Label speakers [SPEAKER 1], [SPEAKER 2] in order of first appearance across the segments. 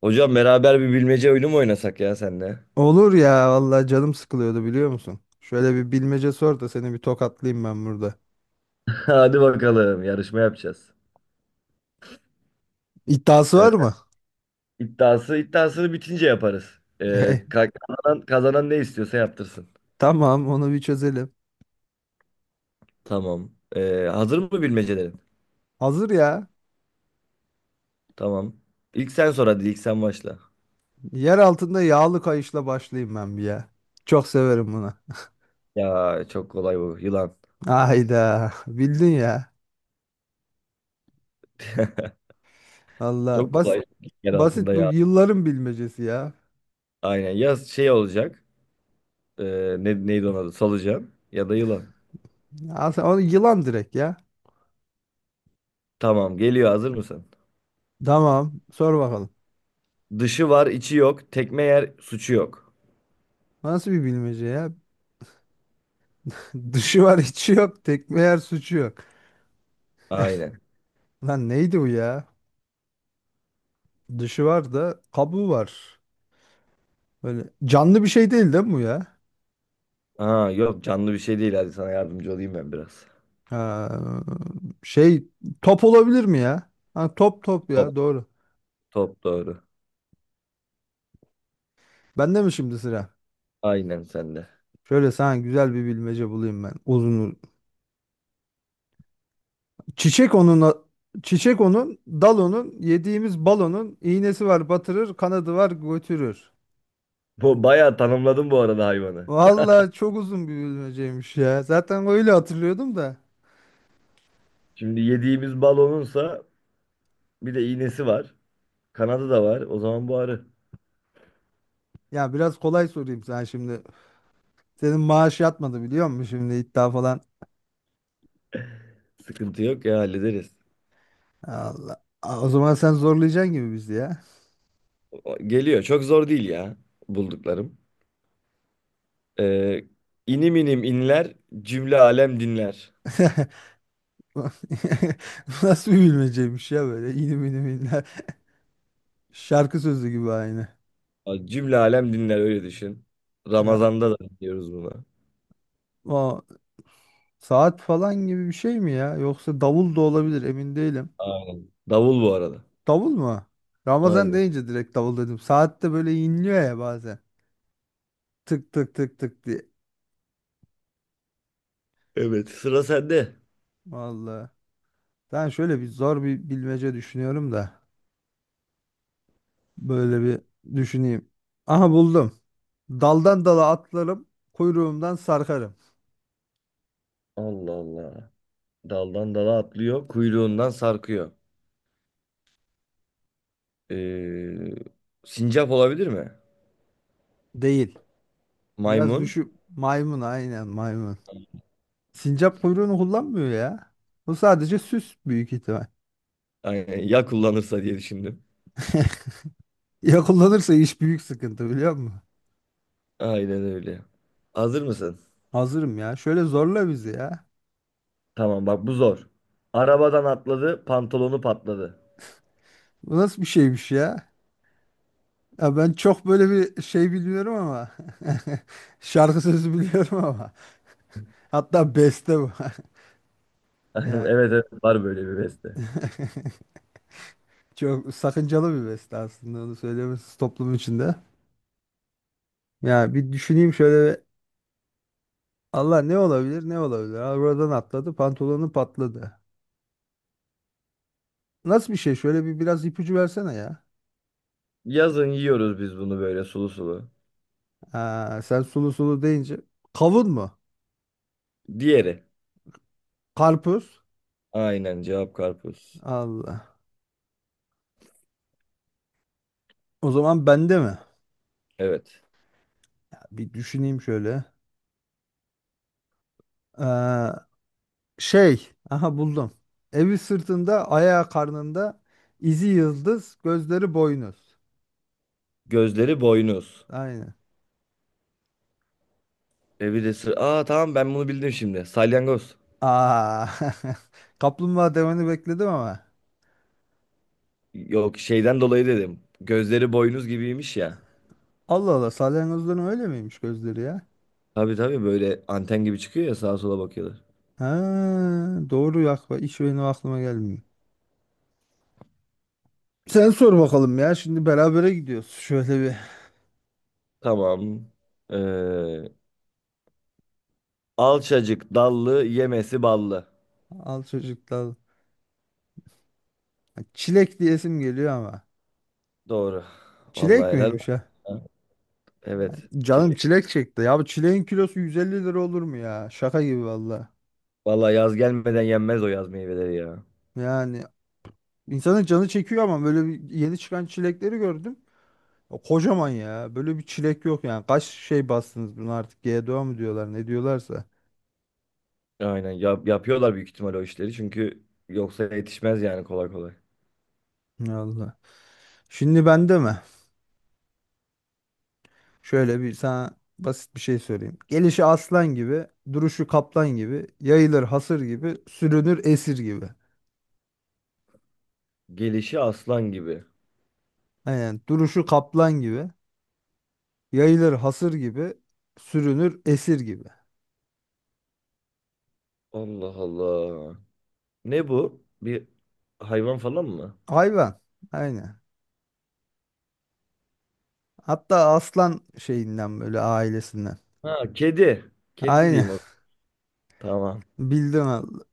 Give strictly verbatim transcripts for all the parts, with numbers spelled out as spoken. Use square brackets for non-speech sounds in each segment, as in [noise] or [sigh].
[SPEAKER 1] Hocam beraber bir bilmece oyunu mu oynasak ya senle?
[SPEAKER 2] Olur ya vallahi canım sıkılıyordu biliyor musun? Şöyle bir bilmece sor da seni bir tokatlayayım ben burada.
[SPEAKER 1] [laughs] Hadi bakalım yarışma yapacağız.
[SPEAKER 2] İddiası
[SPEAKER 1] Ee,
[SPEAKER 2] var mı?
[SPEAKER 1] iddiası iddiasını bitince yaparız. Ee,
[SPEAKER 2] [laughs]
[SPEAKER 1] ka- kazanan, kazanan ne istiyorsa yaptırsın.
[SPEAKER 2] Tamam onu bir çözelim.
[SPEAKER 1] Tamam. Ee, hazır mı bilmecelerin?
[SPEAKER 2] Hazır ya.
[SPEAKER 1] Tamam. İlk sen sor hadi ilk sen başla.
[SPEAKER 2] Yer altında yağlı kayışla başlayayım ben bir ya. Çok severim bunu.
[SPEAKER 1] Ya çok kolay bu yılan.
[SPEAKER 2] Hayda bildin ya.
[SPEAKER 1] [laughs]
[SPEAKER 2] Vallahi
[SPEAKER 1] Çok
[SPEAKER 2] bas
[SPEAKER 1] kolay. Yer
[SPEAKER 2] basit
[SPEAKER 1] altında
[SPEAKER 2] bu
[SPEAKER 1] ya.
[SPEAKER 2] yılların bilmecesi ya.
[SPEAKER 1] Aynen ya şey olacak. Ee, ne, neydi onun adı? Solucan ya da yılan.
[SPEAKER 2] Aslında onu yılan direkt ya.
[SPEAKER 1] Tamam geliyor hazır mısın?
[SPEAKER 2] Tamam sor bakalım.
[SPEAKER 1] Dışı var içi yok. Tekme yer suçu yok.
[SPEAKER 2] Nasıl bir bilmece ya? [laughs] Dışı var içi yok tekme yer suçu yok.
[SPEAKER 1] Aynen.
[SPEAKER 2] Lan neydi bu ya? Dışı var da kabuğu var. Böyle canlı bir şey değil değil mi bu ya?
[SPEAKER 1] Aa, yok canlı bir şey değil. Hadi sana yardımcı olayım ben biraz.
[SPEAKER 2] Ha, şey top olabilir mi ya? Ha, top top
[SPEAKER 1] Top,
[SPEAKER 2] ya doğru.
[SPEAKER 1] top doğru.
[SPEAKER 2] Bende mi şimdi sıra?
[SPEAKER 1] Aynen sende.
[SPEAKER 2] Şöyle sana güzel bir bilmece bulayım ben. Uzun. Çiçek onun Çiçek onun, dal onun, yediğimiz balonun iğnesi var batırır, kanadı var götürür.
[SPEAKER 1] Bu bayağı tanımladın bu arada hayvanı.
[SPEAKER 2] Vallahi çok uzun bir bilmeceymiş ya. Zaten öyle hatırlıyordum da.
[SPEAKER 1] Şimdi yediğimiz balonunsa bir de iğnesi var. Kanadı da var. O zaman bu arı.
[SPEAKER 2] Ya biraz kolay sorayım sana şimdi. Senin maaş yatmadı biliyor musun şimdi iddia falan
[SPEAKER 1] Sıkıntı yok ya hallederiz.
[SPEAKER 2] Allah. Aa, o zaman sen zorlayacaksın gibi bizi ya.
[SPEAKER 1] O- Geliyor. Çok zor değil ya bulduklarım. Ee, inim inim inler cümle alem dinler.
[SPEAKER 2] [laughs] Nasıl bir bilmeceymiş ya böyle inim inim inler. Şarkı sözü gibi aynı.
[SPEAKER 1] Aa, cümle alem dinler öyle düşün.
[SPEAKER 2] Ya
[SPEAKER 1] Ramazan'da da dinliyoruz bunu.
[SPEAKER 2] o saat falan gibi bir şey mi ya? Yoksa davul da olabilir emin değilim.
[SPEAKER 1] Aynen. Davul bu arada.
[SPEAKER 2] Davul mu? Ramazan
[SPEAKER 1] Aynen.
[SPEAKER 2] deyince direkt davul dedim. Saat de böyle inliyor ya bazen. Tık tık tık tık diye.
[SPEAKER 1] Evet sıra sende.
[SPEAKER 2] Vallahi. Ben şöyle bir zor bir bilmece düşünüyorum da. Böyle bir düşüneyim. Aha buldum. Daldan dala atlarım, kuyruğumdan sarkarım.
[SPEAKER 1] Allah Allah. Daldan dala atlıyor, kuyruğundan sarkıyor. Ee, sincap olabilir mi?
[SPEAKER 2] Değil. Biraz
[SPEAKER 1] Maymun.
[SPEAKER 2] düşü maymun aynen maymun. Sincap kuyruğunu kullanmıyor ya. Bu sadece süs büyük ihtimal.
[SPEAKER 1] Aynen, [laughs] ya kullanırsa diye düşündüm.
[SPEAKER 2] [laughs] Ya kullanırsa iş büyük sıkıntı biliyor musun?
[SPEAKER 1] Aynen öyle. Hazır mısın?
[SPEAKER 2] Hazırım ya. Şöyle zorla bizi ya.
[SPEAKER 1] Tamam bak bu zor. Arabadan atladı, pantolonu patladı.
[SPEAKER 2] Bu nasıl bir şeymiş ya? Ya ben çok böyle bir şey bilmiyorum ama. [laughs] Şarkı sözü biliyorum ama. Hatta beste bu. [laughs]
[SPEAKER 1] [laughs]
[SPEAKER 2] Yani
[SPEAKER 1] Evet evet var böyle bir beste.
[SPEAKER 2] çok sakıncalı bir beste aslında onu söylemesi toplum içinde. Ya bir düşüneyim şöyle Allah ne olabilir ne olabilir. Arabadan atladı pantolonu patladı. Nasıl bir şey? Şöyle bir biraz ipucu versene ya.
[SPEAKER 1] Yazın yiyoruz biz bunu böyle sulu sulu.
[SPEAKER 2] Ha, sen sulu sulu deyince. Kavun mu?
[SPEAKER 1] Diğeri.
[SPEAKER 2] Karpuz?
[SPEAKER 1] Aynen cevap karpuz.
[SPEAKER 2] Allah. O zaman bende mi?
[SPEAKER 1] Evet.
[SPEAKER 2] Bir düşüneyim şöyle. Ee, şey. Aha buldum. Evi sırtında, ayağı karnında, izi yıldız, gözleri boynuz.
[SPEAKER 1] Gözleri boynuz.
[SPEAKER 2] Aynen.
[SPEAKER 1] E bir de sır- Aa, tamam ben bunu bildim şimdi. Salyangoz.
[SPEAKER 2] Aa. [laughs] Kaplumbağa demeni bekledim ama.
[SPEAKER 1] Yok şeyden dolayı dedim. Gözleri boynuz gibiymiş ya.
[SPEAKER 2] Allah Allah salyangozların öyle miymiş gözleri ya?
[SPEAKER 1] Tabii tabii böyle anten gibi çıkıyor ya sağa sola bakıyorlar.
[SPEAKER 2] Ha, doğru yak iş benim aklıma gelmiyor. Sen sor bakalım ya şimdi berabere gidiyoruz. Şöyle bir
[SPEAKER 1] Tamam. Ee, alçacık dallı yemesi ballı.
[SPEAKER 2] al çocuklar. Çilek diyesim geliyor ama.
[SPEAKER 1] Doğru.
[SPEAKER 2] Çilek
[SPEAKER 1] Vallahi helal
[SPEAKER 2] miymiş ha?
[SPEAKER 1] olsun. Evet.
[SPEAKER 2] Canım
[SPEAKER 1] Çilek.
[SPEAKER 2] çilek çekti. Ya bu çileğin kilosu yüz elli lira olur mu ya? Şaka gibi valla.
[SPEAKER 1] Vallahi yaz gelmeden yenmez o yaz meyveleri ya.
[SPEAKER 2] Yani insanın canı çekiyor ama böyle bir yeni çıkan çilekleri gördüm. O kocaman ya. Böyle bir çilek yok yani. Kaç şey bastınız bunu artık? G GDO mu diyorlar ne diyorlarsa.
[SPEAKER 1] Aynen. Yap- yapıyorlar büyük ihtimal o işleri. Çünkü yoksa yetişmez yani kolay kolay.
[SPEAKER 2] Allah. Şimdi bende mi? Şöyle bir sana basit bir şey söyleyeyim. Gelişi aslan gibi, duruşu kaplan gibi, yayılır hasır gibi, sürünür esir gibi.
[SPEAKER 1] Gelişi aslan gibi.
[SPEAKER 2] Aynen duruşu kaplan gibi, yayılır hasır gibi, sürünür esir gibi.
[SPEAKER 1] Allah Allah. Ne bu? Bir hayvan falan mı?
[SPEAKER 2] Hayvan. Aynen. Hatta aslan şeyinden böyle ailesinden.
[SPEAKER 1] Ha, kedi. Kedi
[SPEAKER 2] Aynen.
[SPEAKER 1] diyeyim. Tamam.
[SPEAKER 2] [laughs] Bildim al-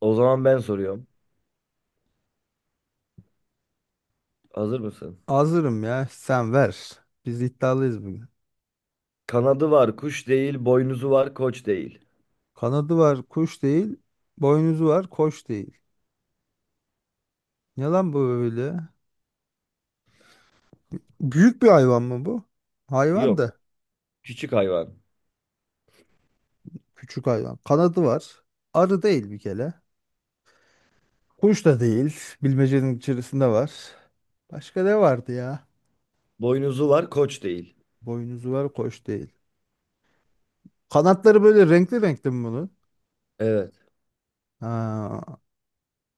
[SPEAKER 1] O zaman ben soruyorum. Hazır mısın?
[SPEAKER 2] Hazırım ya. Sen ver. Biz iddialıyız bugün.
[SPEAKER 1] Kanadı var, kuş değil, boynuzu var, koç değil.
[SPEAKER 2] Kanadı var kuş değil. Boynuzu var koç değil. Ne lan bu böyle? Büyük bir hayvan mı bu? Hayvan
[SPEAKER 1] Yok,
[SPEAKER 2] da.
[SPEAKER 1] küçük hayvan.
[SPEAKER 2] Küçük hayvan. Kanadı var. Arı değil bir kere. Kuş da değil. Bilmecenin içerisinde var. Başka ne vardı ya?
[SPEAKER 1] Boynuzu var, koç değil.
[SPEAKER 2] Boynuzu var, koş değil. Kanatları böyle renkli renkli mi bunun?
[SPEAKER 1] Evet.
[SPEAKER 2] Ha,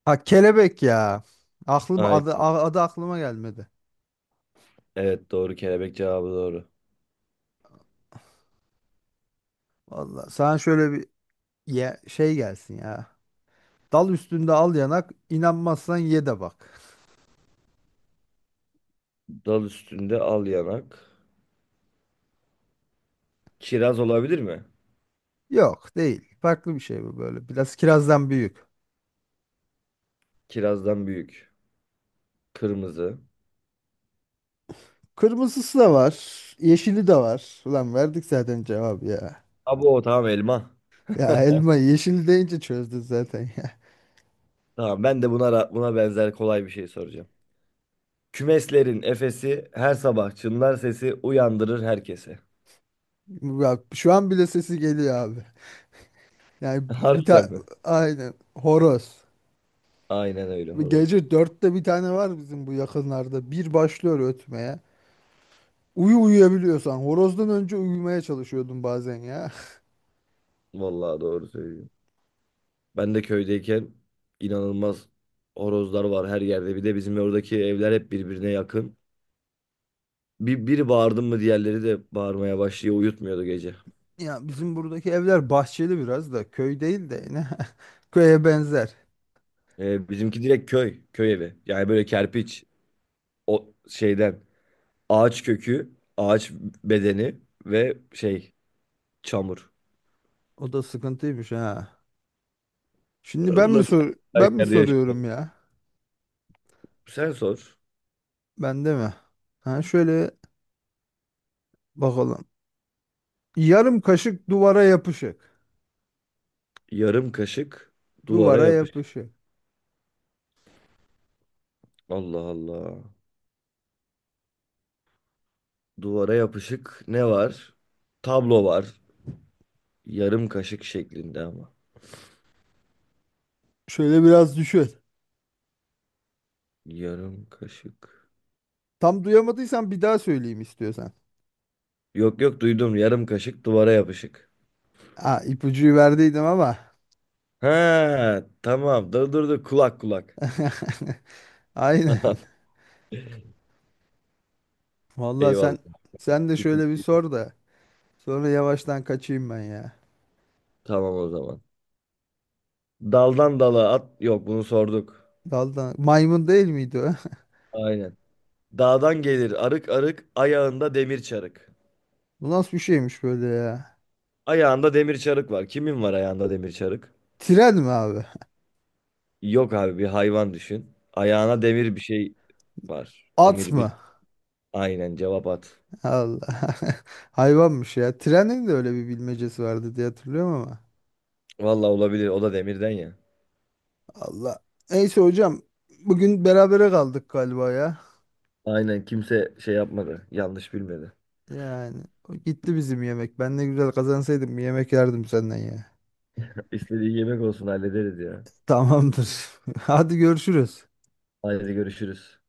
[SPEAKER 2] ha kelebek ya. Aklım adı,
[SPEAKER 1] Aynen.
[SPEAKER 2] a- adı aklıma gelmedi.
[SPEAKER 1] Evet, doğru. Kelebek cevabı doğru.
[SPEAKER 2] Vallahi sana şöyle bir ye- şey gelsin ya. Dal üstünde al yanak, inanmazsan ye de bak.
[SPEAKER 1] Dal üstünde al yanak. Kiraz olabilir mi?
[SPEAKER 2] Yok değil. Farklı bir şey bu böyle. Biraz kirazdan büyük.
[SPEAKER 1] Kirazdan büyük. Kırmızı.
[SPEAKER 2] Kırmızısı da var. Yeşili de var. Ulan verdik zaten cevabı ya.
[SPEAKER 1] Abo tamam elma.
[SPEAKER 2] Ya
[SPEAKER 1] [laughs]
[SPEAKER 2] elma yeşil deyince çözdü zaten ya.
[SPEAKER 1] Tamam ben de buna ra- buna benzer kolay bir şey soracağım. Kümeslerin efesi her sabah çınlar sesi uyandırır herkese.
[SPEAKER 2] [laughs] Bak şu an bile sesi geliyor abi. Yani
[SPEAKER 1] [laughs]
[SPEAKER 2] bir
[SPEAKER 1] Harbiden
[SPEAKER 2] ta
[SPEAKER 1] mi?
[SPEAKER 2] aynen horoz.
[SPEAKER 1] Aynen öyle horoz.
[SPEAKER 2] Gece dörtte bir tane var bizim bu yakınlarda. Bir başlıyor ötmeye. Uyu uyuyabiliyorsan. Horozdan önce uyumaya çalışıyordum bazen ya. [laughs]
[SPEAKER 1] Vallahi doğru söylüyorsun. Ben de köydeyken inanılmaz horozlar var her yerde. Bir de bizim oradaki evler hep birbirine yakın. Bir, biri bağırdı mı diğerleri de bağırmaya başlıyor. Uyutmuyordu gece.
[SPEAKER 2] Ya bizim buradaki evler bahçeli biraz da köy değil de yine [laughs] köye benzer.
[SPEAKER 1] Ee, bizimki direkt köy. Köy evi. Yani böyle kerpiç. O şeyden. Ağaç kökü, ağaç bedeni ve şey çamur.
[SPEAKER 2] O da sıkıntıymış ha. Şimdi ben mi
[SPEAKER 1] Ulan sen
[SPEAKER 2] sor
[SPEAKER 1] her
[SPEAKER 2] ben mi
[SPEAKER 1] yerde yaşıyorsun.
[SPEAKER 2] soruyorum ya?
[SPEAKER 1] Sen sor.
[SPEAKER 2] Ben de mi? Ha şöyle bakalım. Yarım kaşık duvara yapışık.
[SPEAKER 1] Yarım kaşık duvara
[SPEAKER 2] Duvara
[SPEAKER 1] yapışık.
[SPEAKER 2] yapışık.
[SPEAKER 1] Allah Allah. Duvara yapışık ne var? Tablo var. Yarım kaşık şeklinde ama.
[SPEAKER 2] Şöyle biraz düşün.
[SPEAKER 1] Yarım kaşık.
[SPEAKER 2] Tam duyamadıysan bir daha söyleyeyim istiyorsan.
[SPEAKER 1] Yok yok duydum. Yarım kaşık duvara yapışık.
[SPEAKER 2] Ha ipucuyu verdiydim ama.
[SPEAKER 1] Ha tamam. Dur dur dur. Kulak kulak.
[SPEAKER 2] [laughs] Aynen.
[SPEAKER 1] [laughs]
[SPEAKER 2] Vallahi sen
[SPEAKER 1] Eyvallah.
[SPEAKER 2] sen de şöyle bir
[SPEAKER 1] İpucu.
[SPEAKER 2] sor da. Sonra yavaştan kaçayım ben ya.
[SPEAKER 1] Tamam o zaman. Daldan dala at. Yok bunu sorduk.
[SPEAKER 2] Daldan. Maymun değil miydi o?
[SPEAKER 1] Aynen. Dağdan gelir arık arık ayağında demir çarık.
[SPEAKER 2] [laughs] Bu nasıl bir şeymiş böyle ya?
[SPEAKER 1] Ayağında demir çarık var. Kimin var ayağında demir çarık?
[SPEAKER 2] Tren mi abi?
[SPEAKER 1] Yok abi bir hayvan düşün. Ayağına demir bir şey var.
[SPEAKER 2] At
[SPEAKER 1] Demir
[SPEAKER 2] mı?
[SPEAKER 1] bir. Aynen cevap at.
[SPEAKER 2] Allah. [laughs] Hayvanmış ya. Trenin de öyle bir bilmecesi vardı diye hatırlıyorum ama.
[SPEAKER 1] Vallahi olabilir. O da demirden ya.
[SPEAKER 2] Allah. Neyse hocam. Bugün berabere kaldık galiba ya.
[SPEAKER 1] Aynen kimse şey yapmadı. Yanlış bilmedi.
[SPEAKER 2] Yani o gitti bizim yemek. Ben ne güzel kazansaydım bir yemek yerdim senden ya.
[SPEAKER 1] [laughs] İstediği yemek olsun hallederiz ya.
[SPEAKER 2] Tamamdır. [laughs] Hadi görüşürüz.
[SPEAKER 1] Haydi görüşürüz.